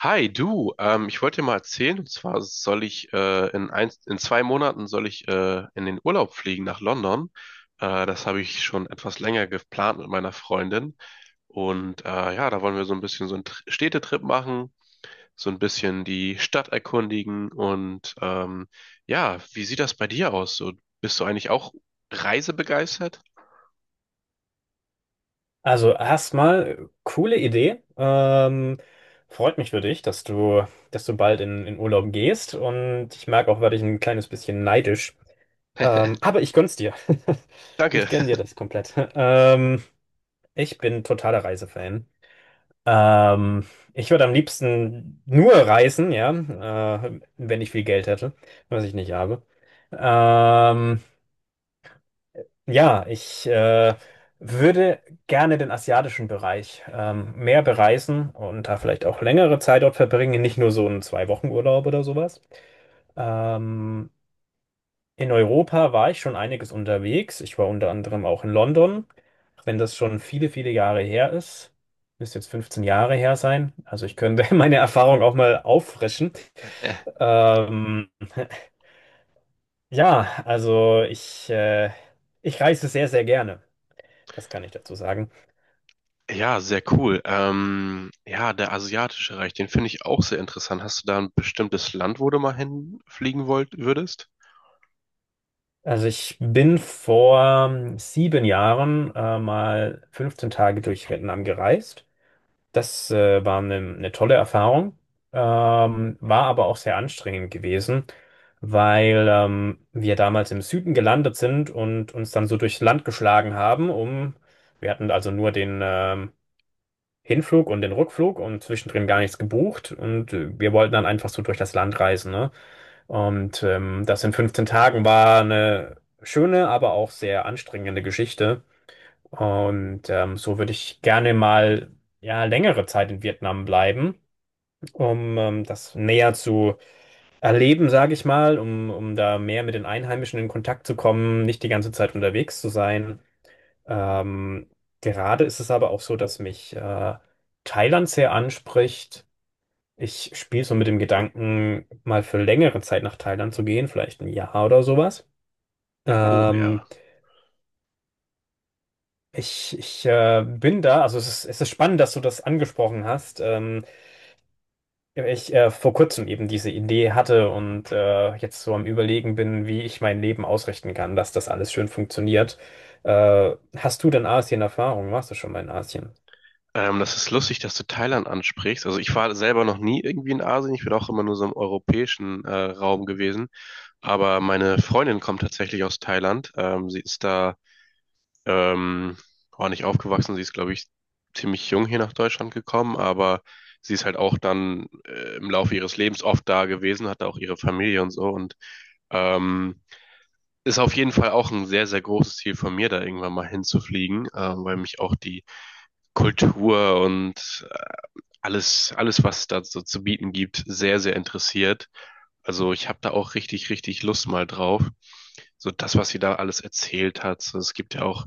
Hi, du, ich wollte dir mal erzählen, und zwar soll ich in 2 Monaten soll ich in den Urlaub fliegen nach London. Das habe ich schon etwas länger geplant mit meiner Freundin. Und ja, da wollen wir so ein bisschen so einen Städtetrip machen, so ein bisschen die Stadt erkundigen. Und ja, wie sieht das bei dir aus? So, bist du eigentlich auch reisebegeistert? Also erstmal coole Idee. Freut mich für dich, dass du bald in Urlaub gehst. Und ich merke auch, werde ich ein kleines bisschen neidisch. Aber ich gönn's dir. Ich Danke. gönn dir das komplett. Ich bin totaler Reisefan. Ähm, Ich würde am liebsten nur reisen, ja, wenn ich viel Geld hätte, was ich nicht habe. Ähm, ja, ich würde gerne den asiatischen Bereich mehr bereisen und da vielleicht auch längere Zeit dort verbringen, nicht nur so einen Zwei-Wochen-Urlaub oder sowas. Ähm, in Europa war ich schon einiges unterwegs. Ich war unter anderem auch in London, auch wenn das schon viele, viele Jahre her ist. Müsste jetzt 15 Jahre her sein. Also ich könnte meine Erfahrung auch mal auffrischen. Ja. Ähm, ja, ich reise sehr, sehr gerne. Das kann ich dazu sagen. Ja, sehr cool. Ja, der asiatische Reich, den finde ich auch sehr interessant. Hast du da ein bestimmtes Land, wo du mal hinfliegen wollt, würdest? Also ich bin vor 7 Jahren mal 15 Tage durch Vietnam gereist. Das war eine tolle Erfahrung, war aber auch sehr anstrengend gewesen, weil wir damals im Süden gelandet sind und uns dann so durchs Land geschlagen haben, wir hatten also nur den Hinflug und den Rückflug und zwischendrin gar nichts gebucht und wir wollten dann einfach so durch das Land reisen, ne? Und das in 15 Tagen war eine schöne, aber auch sehr anstrengende Geschichte. Und so würde ich gerne mal ja längere Zeit in Vietnam bleiben, um das näher zu erleben, sage ich mal, um da mehr mit den Einheimischen in Kontakt zu kommen, nicht die ganze Zeit unterwegs zu sein. Ähm, Gerade ist es aber auch so, dass mich Thailand sehr anspricht. Ich spiele so mit dem Gedanken, mal für längere Zeit nach Thailand zu gehen, vielleicht ein Jahr oder sowas. Oh ja. Ähm, ich bin da, also es ist spannend, dass du das angesprochen hast. Ich vor kurzem eben diese Idee hatte und jetzt so am Überlegen bin, wie ich mein Leben ausrichten kann, dass das alles schön funktioniert. Hast du denn Asien-Erfahrung? Warst du schon mal in Asien? Das ist lustig, dass du Thailand ansprichst. Also ich war selber noch nie irgendwie in Asien. Ich bin auch immer nur so im europäischen Raum gewesen. Aber meine Freundin kommt tatsächlich aus Thailand. Sie ist da ähm, auch nicht aufgewachsen. Sie ist, glaube ich, ziemlich jung hier nach Deutschland gekommen, aber sie ist halt auch dann im Laufe ihres Lebens oft da gewesen, hat auch ihre Familie und so und ähm, ist auf jeden Fall auch ein sehr, sehr großes Ziel von mir, da irgendwann mal hinzufliegen, weil mich auch die Kultur und alles, alles, was es da so zu bieten gibt, sehr, sehr interessiert. Also ich habe da auch richtig, richtig Lust mal drauf. So das, was sie da alles erzählt hat. So, es gibt ja auch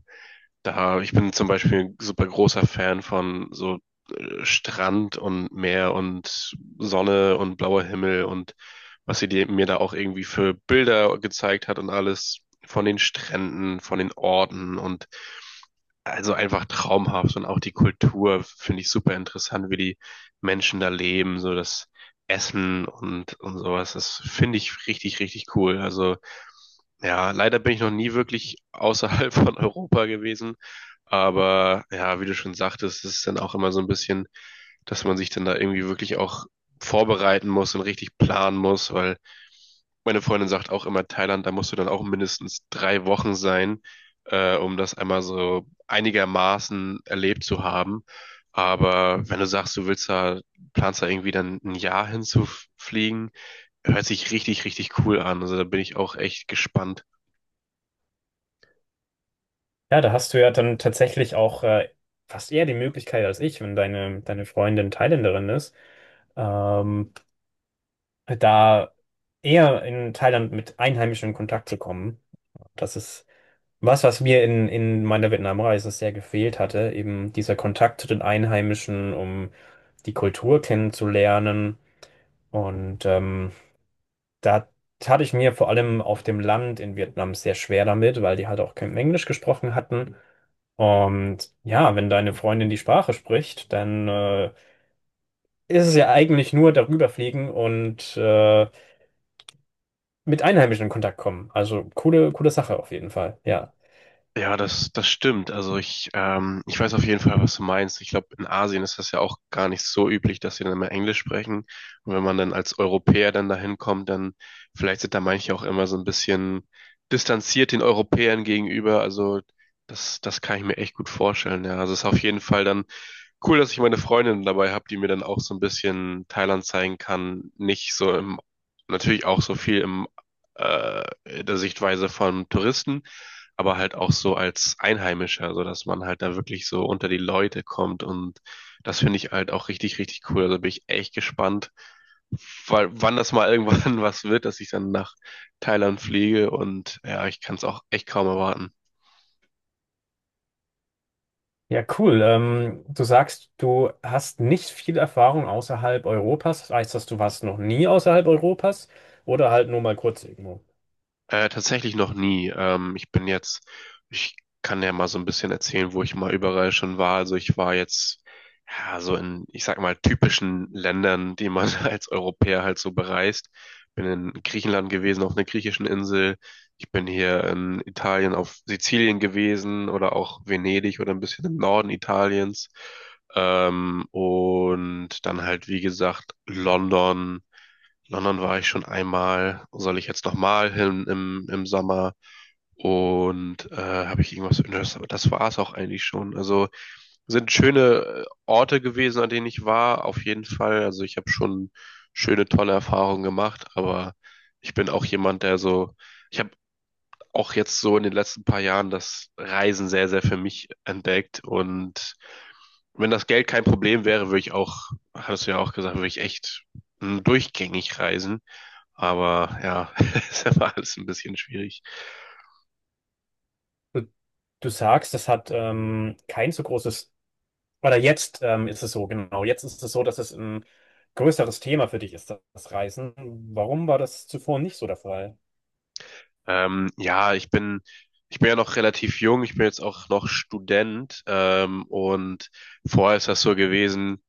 da, ich bin zum Beispiel ein super großer Fan von so Strand und Meer und Sonne und blauer Himmel und was sie mir da auch irgendwie für Bilder gezeigt hat und alles von den Stränden, von den Orten und also einfach traumhaft und auch die Kultur finde ich super interessant, wie die Menschen da leben, so das Essen und sowas. Das finde ich richtig, richtig cool. Also ja, leider bin ich noch nie wirklich außerhalb von Europa gewesen. Aber ja, wie du schon sagtest, ist es dann auch immer so ein bisschen, dass man sich dann da irgendwie wirklich auch vorbereiten muss und richtig planen muss, weil meine Freundin sagt auch immer, Thailand, da musst du dann auch mindestens 3 Wochen sein, um das einmal so einigermaßen erlebt zu haben. Aber wenn du sagst, du willst da, planst da irgendwie dann ein Jahr hinzufliegen, hört sich richtig, richtig cool an. Also da bin ich auch echt gespannt. Ja, da hast du ja dann tatsächlich auch fast eher die Möglichkeit als ich, wenn deine Freundin Thailänderin ist. Ähm, Da eher in Thailand mit Einheimischen in Kontakt zu kommen. Das ist was, was mir in meiner Vietnamreise sehr gefehlt hatte, eben dieser Kontakt zu den Einheimischen, um die Kultur kennenzulernen. Und da tat ich mir vor allem auf dem Land in Vietnam sehr schwer damit, weil die halt auch kein Englisch gesprochen hatten. Und ja, wenn deine Freundin die Sprache spricht, dann ist es ja eigentlich nur darüber fliegen und mit Einheimischen in Kontakt kommen. Also coole, coole Sache auf jeden Fall. Ja. Ja, das, das stimmt. Also ich weiß auf jeden Fall, was du meinst. Ich glaube, in Asien ist das ja auch gar nicht so üblich, dass sie dann immer Englisch sprechen. Und wenn man dann als Europäer dann dahin kommt, dann vielleicht sind da manche auch immer so ein bisschen distanziert den Europäern gegenüber. Also das, das kann ich mir echt gut vorstellen. Ja, also es ist auf jeden Fall dann cool, dass ich meine Freundin dabei habe, die mir dann auch so ein bisschen Thailand zeigen kann. Nicht so im, natürlich auch so viel in der Sichtweise von Touristen, aber halt auch so als Einheimischer, so dass man halt da wirklich so unter die Leute kommt und das finde ich halt auch richtig, richtig cool. Also bin ich echt gespannt, weil, wann das mal irgendwann was wird, dass ich dann nach Thailand fliege und ja, ich kann es auch echt kaum erwarten. Ja, cool. Du sagst, du hast nicht viel Erfahrung außerhalb Europas. Heißt das, du warst noch nie außerhalb Europas oder halt nur mal kurz irgendwo? Tatsächlich noch nie. Ich bin jetzt, ich kann ja mal so ein bisschen erzählen, wo ich mal überall schon war. Also ich war jetzt ja, so in, ich sag mal, typischen Ländern, die man als Europäer halt so bereist. Bin in Griechenland gewesen, auf einer griechischen Insel. Ich bin hier in Italien auf Sizilien gewesen oder auch Venedig oder ein bisschen im Norden Italiens. Und dann halt, wie gesagt, London. London war ich schon einmal, soll ich jetzt nochmal hin im Sommer und habe ich irgendwas, das, das war es auch eigentlich schon. Also sind schöne Orte gewesen, an denen ich war, auf jeden Fall. Also ich habe schon schöne, tolle Erfahrungen gemacht, aber ich bin auch jemand, der so, ich habe auch jetzt so in den letzten paar Jahren das Reisen sehr, sehr für mich entdeckt und wenn das Geld kein Problem wäre, würde ich auch, hast du ja auch gesagt, würde ich echt durchgängig reisen. Aber ja, ist immer alles ein bisschen schwierig. Du, du sagst, das hat kein so großes, oder jetzt ist es so, genau. Jetzt ist es so, dass es ein größeres Thema für dich ist, das Reisen. Warum war das zuvor nicht so der Fall? Ja, ich bin ja noch relativ jung, ich bin jetzt auch noch Student, und vorher ist das so gewesen.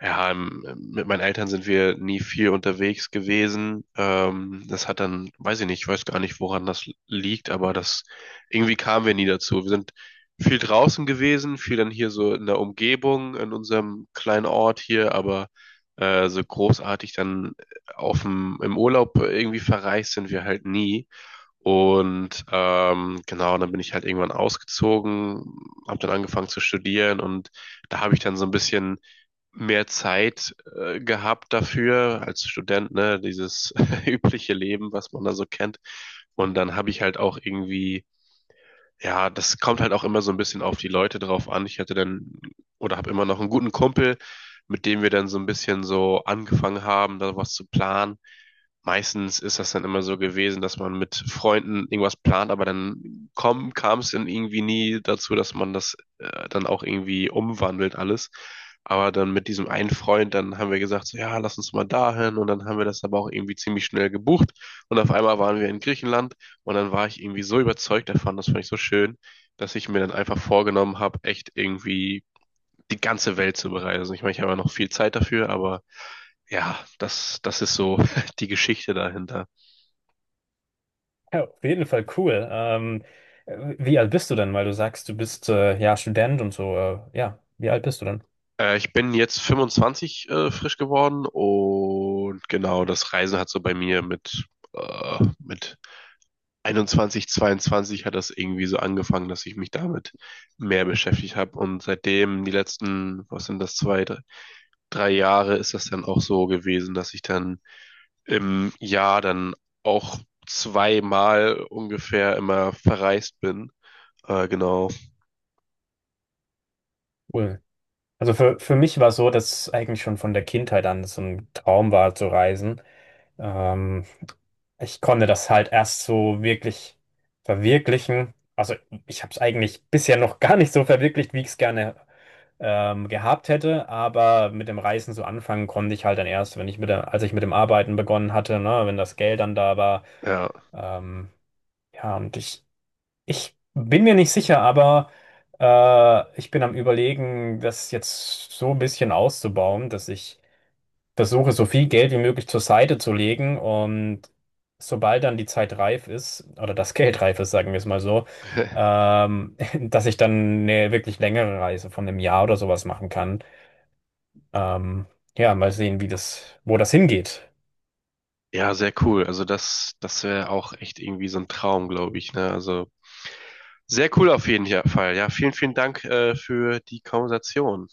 Ja, mit meinen Eltern sind wir nie viel unterwegs gewesen. Das hat dann, weiß ich nicht, ich weiß gar nicht, woran das liegt, aber das irgendwie kamen wir nie dazu. Wir sind viel draußen gewesen, viel dann hier so in der Umgebung, in unserem kleinen Ort hier, aber so großartig dann im Urlaub irgendwie verreist sind wir halt nie. Und genau, dann bin ich halt irgendwann ausgezogen, habe dann angefangen zu studieren und da habe ich dann so ein bisschen mehr Zeit gehabt dafür als Student, ne, dieses übliche Leben, was man da so kennt. Und dann habe ich halt auch irgendwie ja, das kommt halt auch immer so ein bisschen auf die Leute drauf an. Ich hatte dann oder habe immer noch einen guten Kumpel, mit dem wir dann so ein bisschen so angefangen haben, da was zu planen. Meistens ist das dann immer so gewesen, dass man mit Freunden irgendwas plant, aber dann kam es dann irgendwie nie dazu, dass man das dann auch irgendwie umwandelt alles. Aber dann mit diesem einen Freund, dann haben wir gesagt, so, ja, lass uns mal dahin und dann haben wir das aber auch irgendwie ziemlich schnell gebucht und auf einmal waren wir in Griechenland und dann war ich irgendwie so überzeugt davon, das fand ich so schön, dass ich mir dann einfach vorgenommen habe, echt irgendwie die ganze Welt zu bereisen. Ich meine, ich habe ja noch viel Zeit dafür, aber ja, das, das ist so die Geschichte dahinter. Ja, auf jeden Fall cool. Wie alt bist du denn? Weil du sagst, du bist ja Student und so. Ja, wie alt bist du denn? Ich bin jetzt 25 frisch geworden und genau, das Reisen hat so bei mir mit 21, 22 hat das irgendwie so angefangen, dass ich mich damit mehr beschäftigt habe. Und seitdem die letzten, was sind das, zwei, drei Jahre ist das dann auch so gewesen, dass ich dann im Jahr dann auch zweimal ungefähr immer verreist bin. Genau. Cool. Also für mich war es so, dass eigentlich schon von der Kindheit an so ein Traum war zu reisen. Ähm, Ich konnte das halt erst so wirklich verwirklichen. Also ich habe es eigentlich bisher noch gar nicht so verwirklicht, wie ich es gerne gehabt hätte, aber mit dem Reisen so anfangen konnte ich halt dann erst, wenn ich mit der, als ich mit dem Arbeiten begonnen hatte, ne, wenn das Geld dann da war. Ja. Ähm, ja, und ich bin mir nicht sicher, aber ich bin am Überlegen, das jetzt so ein bisschen auszubauen, dass ich versuche, so viel Geld wie möglich zur Seite zu legen und sobald dann die Zeit reif ist, oder das Geld reif ist, sagen wir es mal so, dass ich dann eine wirklich längere Reise von einem Jahr oder sowas machen kann. Ähm, ja, mal sehen, wo das hingeht. Ja, sehr cool. Also das, das wäre auch echt irgendwie so ein Traum, glaube ich, ne? Also sehr cool auf jeden Fall. Ja, vielen, vielen Dank, für die Konversation.